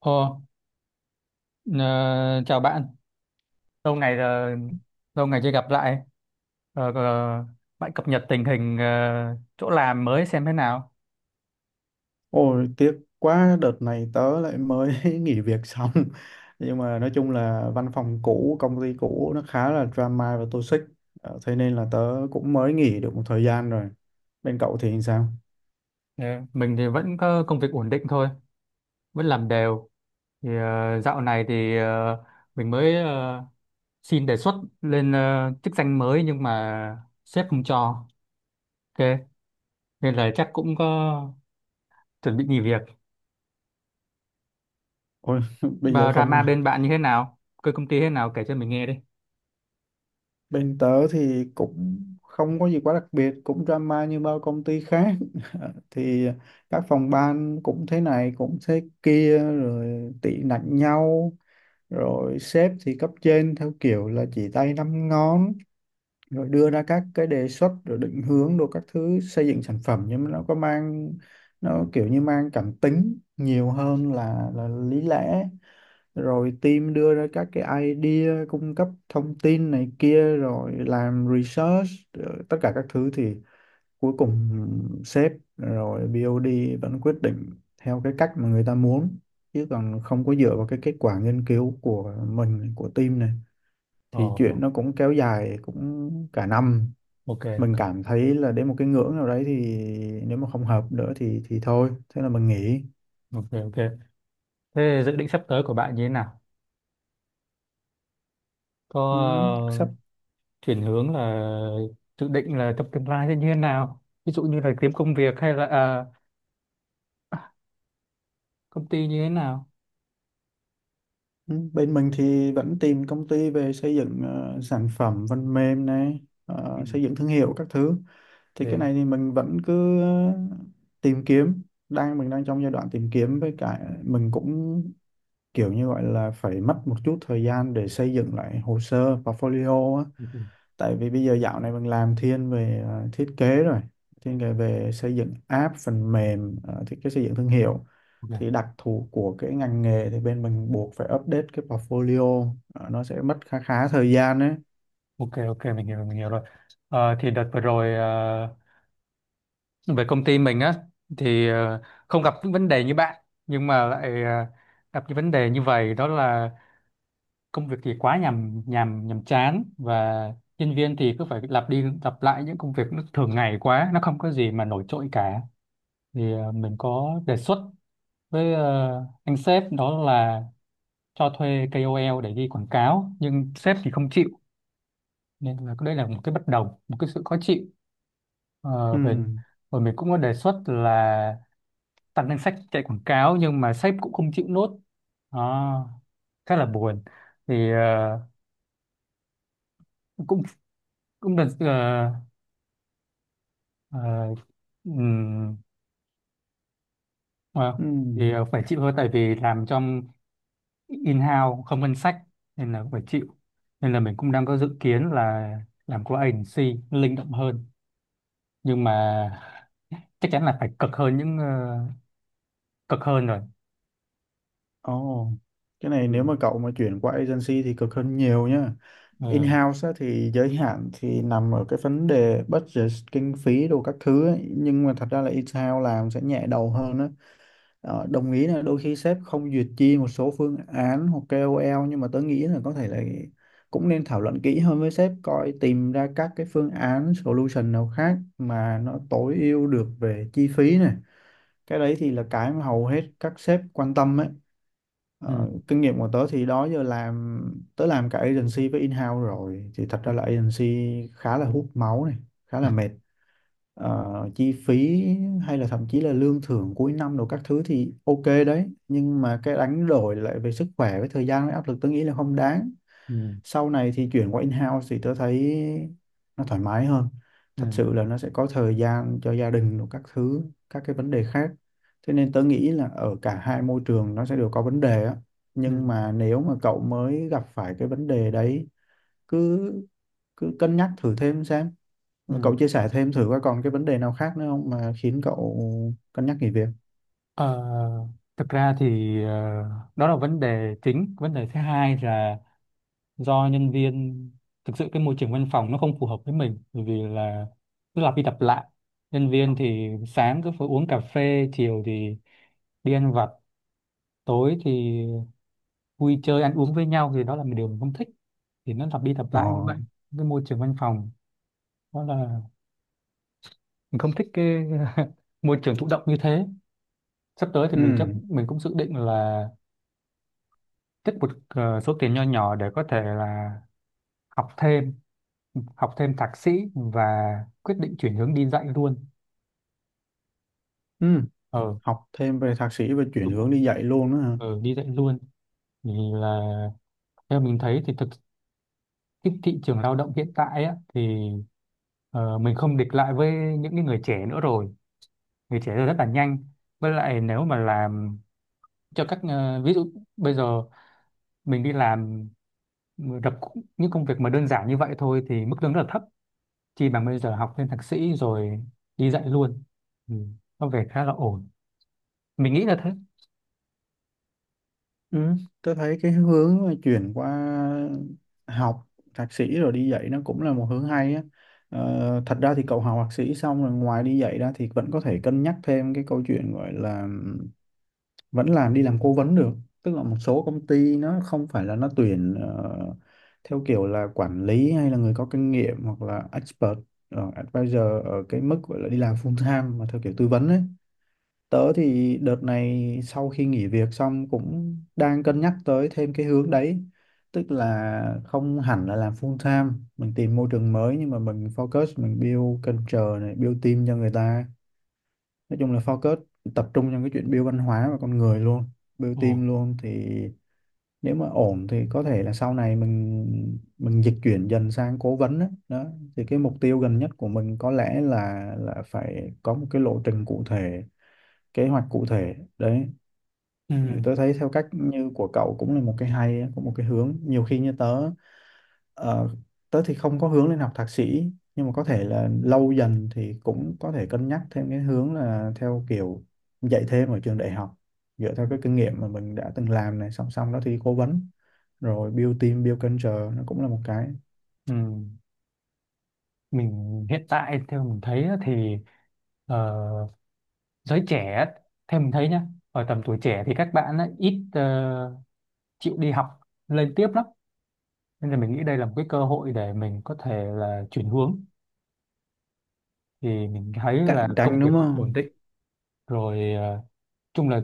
Ồ, ờ, chào bạn. Lâu ngày rồi, lâu ngày chưa gặp lại. Ờ, ờ, bạn cập nhật tình hình chỗ làm mới xem thế nào. Ôi, tiếc quá, đợt này tớ lại mới nghỉ việc xong, nhưng mà nói chung là văn phòng cũ, công ty cũ nó khá là drama và toxic. Thế nên là tớ cũng mới nghỉ được một thời gian rồi. Bên cậu thì sao? Ờ, mình thì vẫn có công việc ổn định thôi, vẫn làm đều. Thì dạo này thì mình mới xin đề xuất lên chức danh mới nhưng mà sếp không cho. Ok, nên là chắc cũng có chuẩn bị nghỉ việc. Ôi, bây giờ Và không... drama bên bạn như thế nào? Cơ công ty thế nào kể cho mình nghe đi. Bên tớ thì cũng không có gì quá đặc biệt, cũng drama như bao công ty khác thì các phòng ban cũng thế này cũng thế kia rồi tị nạnh nhau, rồi sếp, thì cấp trên theo kiểu là chỉ tay năm ngón, rồi đưa ra các cái đề xuất rồi định hướng đồ các thứ, xây dựng sản phẩm, nhưng mà nó có mang... nó kiểu như mang cảm tính nhiều hơn là lý lẽ. Rồi team đưa ra các cái idea, cung cấp thông tin này kia, rồi làm research rồi tất cả các thứ, thì cuối cùng sếp rồi BOD vẫn quyết định theo cái cách mà người ta muốn, chứ còn không có dựa vào cái kết quả nghiên cứu của mình, của team này. Thì Ồ, chuyện nó cũng kéo dài cũng cả năm, ok, mình cảm thấy là đến một cái ngưỡng nào đấy thì nếu mà không hợp nữa thì thôi, thế là mình nghỉ. ok, ok. Thế dự định sắp tới của bạn như thế nào? Có Ừ, sắp... ờ, chuyển hướng là dự định là trong tương lai sẽ như thế nào? Ví dụ như là kiếm công việc hay là à, công ty như thế nào? ừ, bên mình thì vẫn tìm công ty về xây dựng sản phẩm phần mềm này, Ừ. Xây dựng thương hiệu các thứ. Thì cái Ok, này thì mình vẫn cứ tìm kiếm, mình đang trong giai đoạn tìm kiếm, với cả mình cũng kiểu như gọi là phải mất một chút thời gian để xây dựng lại hồ sơ portfolio á. Tại vì bây giờ dạo này mình làm thiên về thiết kế rồi, thiên về về xây dựng app phần mềm, thiết kế xây dựng thương hiệu, ok, thì đặc thù của cái ngành nghề thì bên mình buộc phải update cái portfolio. Ờ, nó sẽ mất khá khá thời gian đấy. ok, ok, mình hiểu rồi. Thì đợt vừa rồi về công ty mình á thì không gặp những vấn đề như bạn nhưng mà lại gặp những vấn đề như vậy. Đó là công việc thì quá nhàm nhàm nhàm chán, và nhân viên thì cứ phải lặp đi lặp lại những công việc nó thường ngày quá, nó không có gì mà nổi trội cả. Thì mình có đề xuất với anh sếp đó là cho thuê KOL để đi quảng cáo, nhưng sếp thì không chịu, nên là đây là một cái bất đồng, một cái sự khó chịu. Ừ. Ờ, về Rồi mình cũng có đề xuất là tăng danh sách chạy quảng cáo nhưng mà sếp cũng không chịu nốt. Đó, khá là buồn. Thì cũng cũng là Ờ, ừm, ờ, Ừ. thì phải chịu thôi, tại vì làm trong in-house không ngân sách, nên là cũng phải chịu. Nên là mình cũng đang có dự kiến là làm qua agency, nó linh động hơn, nhưng mà chắc chắn là phải cực hơn. Cực hơn rồi. Ồ, cái này nếu Ừ. mà cậu mà chuyển qua agency thì cực hơn nhiều nhá. Ừ. In-house á, thì giới hạn thì nằm ở cái vấn đề budget, kinh phí đồ các thứ ấy, nhưng mà thật ra là in-house làm sẽ nhẹ đầu hơn á. Đồng ý là đôi khi sếp không duyệt chi một số phương án hoặc KOL, nhưng mà tớ nghĩ là có thể là cũng nên thảo luận kỹ hơn với sếp coi tìm ra các cái phương án, solution nào khác mà nó tối ưu được về chi phí này. Cái đấy thì là cái mà hầu hết các sếp quan tâm ấy. Ừ. Kinh nghiệm của tớ thì đó giờ làm... tớ làm cả agency với in-house rồi, thì thật Ừ. ra là agency khá là hút máu này, khá là mệt. ờ, Chi phí hay là thậm chí là lương thưởng cuối năm đồ các thứ thì ok đấy, nhưng mà cái đánh đổi lại về sức khỏe, với thời gian, với áp lực, tôi nghĩ là không đáng. Ừ. Sau này thì chuyển qua in-house thì tôi thấy nó thoải mái hơn, thật Ừ. sự là nó sẽ có thời gian cho gia đình đồ các thứ, các cái vấn đề khác. Thế nên tôi nghĩ là ở cả hai môi trường nó sẽ đều có vấn đề á, nhưng Ừ. mà nếu mà cậu mới gặp phải cái vấn đề đấy, cứ cứ cân nhắc thử thêm xem. Ừ. Cậu chia sẻ thêm thử coi còn cái vấn đề nào khác nữa không mà khiến cậu cân nhắc nghỉ việc? Ờ, Thực ra thì đó là vấn đề chính. Vấn đề thứ hai là do nhân viên. Thực sự cái môi trường văn phòng nó không phù hợp với mình, bởi vì là cứ lặp đi lặp lại. Nhân viên thì sáng cứ phải uống cà phê, chiều thì đi ăn vặt, tối thì vui chơi ăn uống với nhau, thì đó là một điều mình không thích. Thì nó lặp đi lặp Ờ. lại như vậy. Cái môi trường văn phòng đó là mình không thích cái môi trường thụ động như thế. Sắp tới thì Ừ. mình chắc mình cũng dự định là tích một số tiền nho nhỏ để có thể là học thêm học thêm thạc sĩ và quyết định chuyển hướng đi dạy luôn. Ừ, ờ học thêm về thạc sĩ và chuyển Đúng rồi, hướng đi dạy luôn đó hả? Đi dạy luôn. Thì là theo mình thấy thì thực, cái thị trường lao động hiện tại á, thì mình không địch lại với những cái người trẻ nữa rồi. Người trẻ giờ rất là nhanh. Với lại nếu mà làm cho các ví dụ bây giờ mình đi làm đập những công việc mà đơn giản như vậy thôi, thì mức lương rất là thấp. Chỉ bằng bây giờ học lên thạc sĩ rồi đi dạy luôn. Ừ. Có vẻ khá là ổn, mình nghĩ là thế. Ừ, tôi thấy cái hướng mà chuyển qua học thạc sĩ rồi đi dạy nó cũng là một hướng hay á. Thật ra thì cậu học thạc sĩ xong rồi, ngoài đi dạy ra thì vẫn có thể cân nhắc thêm cái câu chuyện gọi là vẫn làm... đi làm cố vấn được, tức là một số công ty nó không phải là nó tuyển theo kiểu là quản lý hay là người có kinh nghiệm, hoặc là expert, advisor, ở cái mức gọi là đi làm full time mà theo kiểu tư vấn ấy. Tớ thì đợt này sau khi nghỉ việc xong cũng đang cân nhắc tới thêm cái hướng đấy, tức là không hẳn là làm full time mình tìm môi trường mới, nhưng mà mình focus, mình build culture này, build team cho người ta. Nói chung là focus tập trung trong cái chuyện build văn hóa và con người luôn, build Ồ. team luôn, thì nếu mà ổn thì có thể là sau này mình dịch chuyển dần sang cố vấn đó, đó. Thì cái mục tiêu gần nhất của mình có lẽ là phải có một cái lộ trình cụ thể, kế hoạch cụ thể đấy. Ừ, Ừ. tôi thấy theo cách như của cậu cũng là một cái hay, cũng một cái hướng. Nhiều khi như tớ, ờ, tớ thì không có hướng lên học thạc sĩ, nhưng mà có thể là lâu dần thì cũng có thể cân nhắc thêm cái hướng là theo kiểu dạy thêm ở trường đại học, dựa Ừ. theo cái kinh nghiệm mà mình đã từng làm này, song song đó thì cố vấn, rồi build team, build culture, nó cũng là một cái... Ừ. Mình hiện tại theo mình thấy á, thì ờ, giới trẻ á, theo mình thấy nhá, ở tầm tuổi trẻ thì các bạn á, ít chịu đi học lên tiếp lắm, nên là mình nghĩ đây là một cái cơ hội để mình có thể là chuyển hướng. Thì mình thấy là cạnh công tranh việc đúng cũng ổn không? định rồi. Ờ, Chung là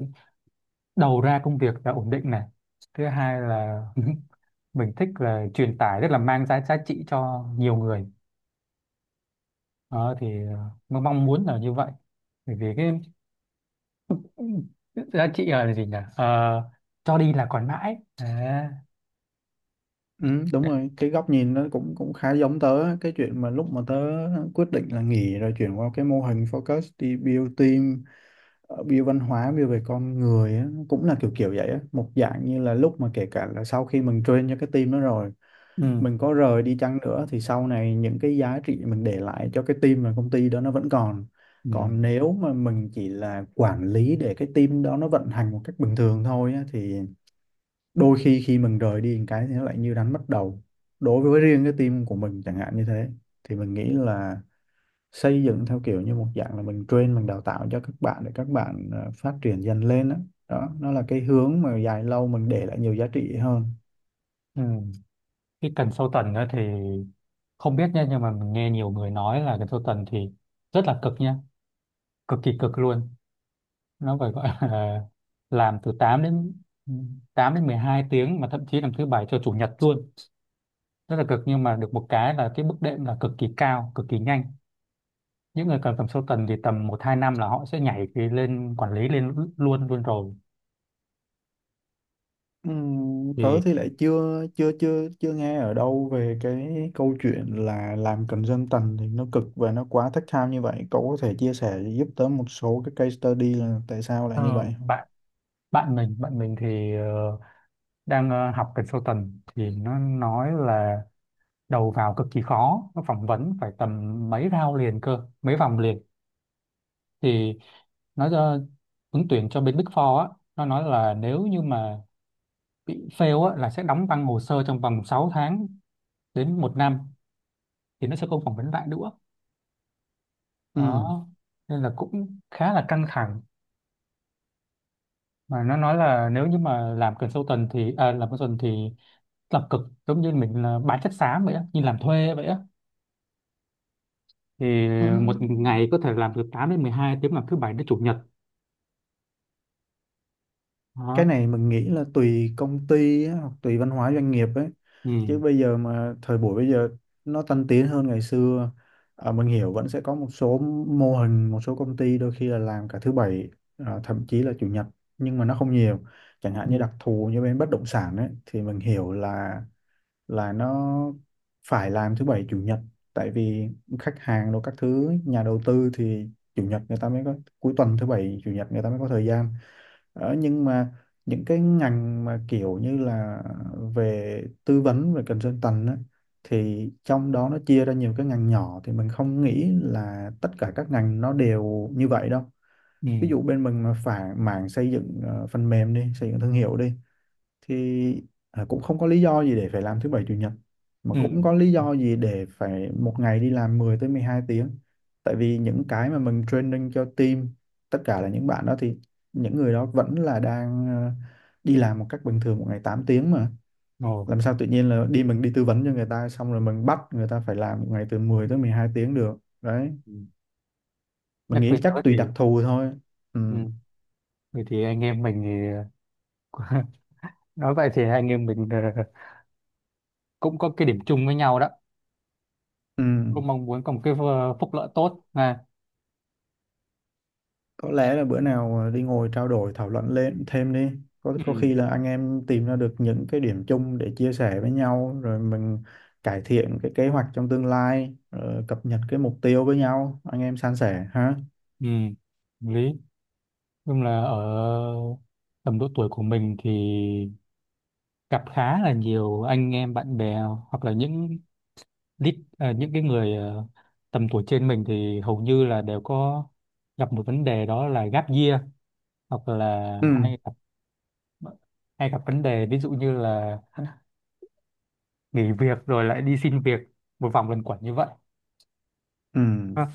đầu ra công việc là ổn định này. Thứ hai là mình thích là truyền tải, rất là mang giá giá trị cho nhiều người. Đó thì mong mong muốn là như vậy, bởi vì cái... Ừ, giá trị là gì nhỉ. Ờ, cho đi là còn mãi à, Ừ, đúng rồi, cái góc nhìn nó cũng cũng khá giống tớ á. Cái chuyện mà lúc mà tớ quyết định là nghỉ rồi chuyển qua cái mô hình focus đi build team, view văn hóa, view về con người á, nó cũng là kiểu kiểu vậy á, một dạng như là lúc mà kể cả là sau khi mình train cho cái team đó rồi, ừ, mình có rời đi chăng nữa thì sau này những cái giá trị mình để lại cho cái team và công ty đó nó vẫn còn. ừ, Còn nếu mà mình chỉ là quản lý để cái team đó nó vận hành một cách bình thường thôi á, thì đôi khi khi mình rời đi một cái thì nó lại như đánh mất đầu đối với riêng cái team của mình chẳng hạn, như thế thì mình nghĩ là xây dựng theo kiểu như một dạng là mình train, mình đào tạo cho các bạn để các bạn phát triển dần lên đó. Đó, nó là cái hướng mà dài lâu mình để lại nhiều giá trị hơn. ừ. Cái cần sâu tần á thì không biết nha, nhưng mà mình nghe nhiều người nói là cần sâu tần thì rất là cực nha, cực kỳ cực luôn. Nó phải gọi là làm từ 8 đến ừ, 12 tiếng, mà thậm chí làm thứ bảy cho chủ nhật luôn. Rất là cực, nhưng mà được một cái là cái bước đệm là cực kỳ cao, cực kỳ nhanh. Những người cần tầm sâu tần thì tầm một hai năm là họ sẽ nhảy cái lên quản lý lên luôn luôn rồi. Tớ Thì thì lại chưa chưa chưa chưa nghe ở đâu về cái câu chuyện là làm consultant thì nó cực và nó quá thất tham như vậy. Cậu có thể chia sẻ giúp tớ một số cái case study là tại sao lại Ờ, như vậy không? bạn bạn mình thì đang học consultant thì nó nói là đầu vào cực kỳ khó, nó phỏng vấn phải tầm mấy round liền cơ, mấy vòng liền. Thì nó cho ứng tuyển cho bên Big Four á, nó nói là nếu như mà bị fail á là sẽ đóng băng hồ sơ trong vòng 6 tháng đến một năm, thì nó sẽ không phỏng vấn lại nữa. Ừm. Đó, nên là cũng khá là căng thẳng. Mà nó nói là nếu như mà làm consultant thì làm cực, giống như mình là bán chất xám vậy á, như làm thuê vậy á. Thì một Ừm. ngày có thể làm từ 8 đến 12 tiếng, làm thứ bảy đến chủ nhật. Cái Đó. này mình nghĩ là tùy công ty á, hoặc tùy văn hóa doanh nghiệp ấy, chứ Ừ. bây giờ mà thời buổi bây giờ nó tân tiến hơn ngày xưa. Mình hiểu vẫn sẽ có một số mô hình, một số công ty đôi khi là làm cả thứ bảy, thậm chí là chủ nhật, nhưng mà nó không nhiều. Chẳng Ừ. hạn như đặc thù như bên bất động sản ấy thì mình hiểu là nó phải làm thứ bảy chủ nhật, tại vì khách hàng rồi các thứ nhà đầu tư thì chủ nhật người ta mới có cuối tuần, thứ bảy chủ nhật người ta mới có thời gian. Nhưng mà những cái ngành mà kiểu như là về tư vấn, về consultant á, thì trong đó nó chia ra nhiều cái ngành nhỏ, thì mình không nghĩ là tất cả các ngành nó đều như vậy đâu. Ừ. Ví dụ bên mình mà phải mảng xây dựng phần mềm đi, xây dựng thương hiệu đi, thì cũng không có lý do gì để phải làm thứ bảy chủ nhật, mà Ừ. cũng có lý do gì để phải một ngày đi làm 10 tới 12 tiếng. Tại vì những cái mà mình training cho team, tất cả là những bạn đó thì, những người đó vẫn là đang đi làm một cách bình thường một ngày 8 tiếng mà, Ồ. làm sao tự nhiên là đi... mình đi tư vấn cho người ta xong rồi mình bắt người ta phải làm một ngày từ mười Ừ. tới 12 tiếng được đấy. Ừ. Mình Nhắc nghĩ về nhớ chắc thì... tùy đặc thù thôi. Ừ. Ừ. Vậy thì anh em mình thì nói vậy thì anh em mình cũng có cái điểm chung với nhau đó. Ừ. Cũng mong muốn có một cái phúc lợi tốt này. Có lẽ là bữa nào đi ngồi trao đổi thảo luận lên thêm đi, có Ừ. khi là anh em tìm ra được những cái điểm chung để chia sẻ với nhau, rồi mình cải thiện cái kế hoạch trong tương lai, rồi cập nhật cái mục tiêu với nhau, anh em san sẻ ha. ừ lý Nhưng là ở tầm độ tuổi của mình thì gặp khá là nhiều anh em bạn bè, hoặc là những cái người tầm tuổi trên mình, thì hầu như là đều có gặp một vấn đề, đó là gap year. Hoặc là Ừ. Hay gặp vấn đề ví dụ như là nghỉ việc rồi lại đi xin việc, một vòng luẩn quẩn như vậy. Ừ. Ha.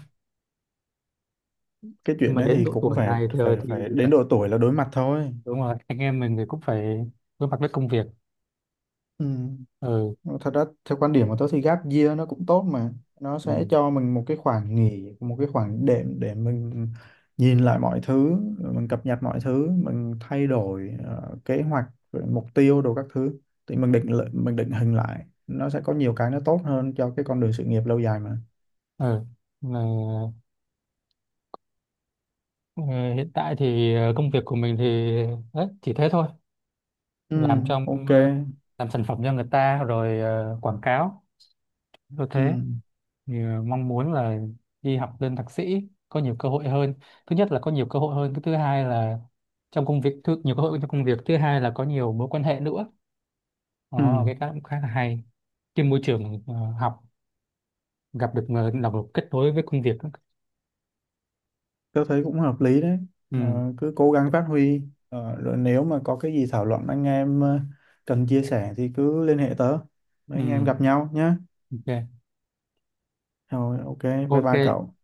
Cái Nhưng chuyện mà đấy đến thì độ cũng tuổi phải... này thì, phải thì phải đến độ tuổi là đối mặt thôi. đúng rồi, anh em mình thì cũng phải đối mặt với công việc. Ừ. Ừ. Nhưng mà thật ra theo quan điểm của tớ thì gap year nó cũng tốt mà, nó Ừ. sẽ cho mình một cái khoảng nghỉ, một cái khoảng đệm để mình nhìn lại mọi thứ, rồi mình cập nhật mọi thứ, mình thay đổi kế hoạch, rồi mục tiêu đồ các thứ, thì mình mình định hình lại, nó sẽ có nhiều cái nó tốt hơn cho cái con đường sự nghiệp lâu dài mà. Ừ. Ờ, ờ, Hiện tại thì công việc của mình thì đấy, chỉ thế thôi. Ừ. làm trong Ok. ờ, làm sản phẩm cho người ta rồi quảng cáo như Ừ. thế. Thì mong muốn là đi học lên thạc sĩ, có nhiều cơ hội hơn. Thứ nhất là có nhiều cơ hội hơn, cái thứ hai là trong công việc thứ, nhiều cơ hội trong công việc. Thứ hai là có nhiều mối quan hệ nữa. Ừ. Đó, cái đó cũng khá là hay. Trên môi trường học gặp được người đồng kết nối với công việc. Tớ thấy cũng hợp lý đấy. Ừ, Ờ, Cứ cố gắng phát huy. Rồi nếu mà có cái gì thảo luận, anh em cần chia sẻ thì cứ liên hệ tớ. Mấy ừ, anh em gặp nhau nhé. ok, Rồi, ok, bye ok bye cậu.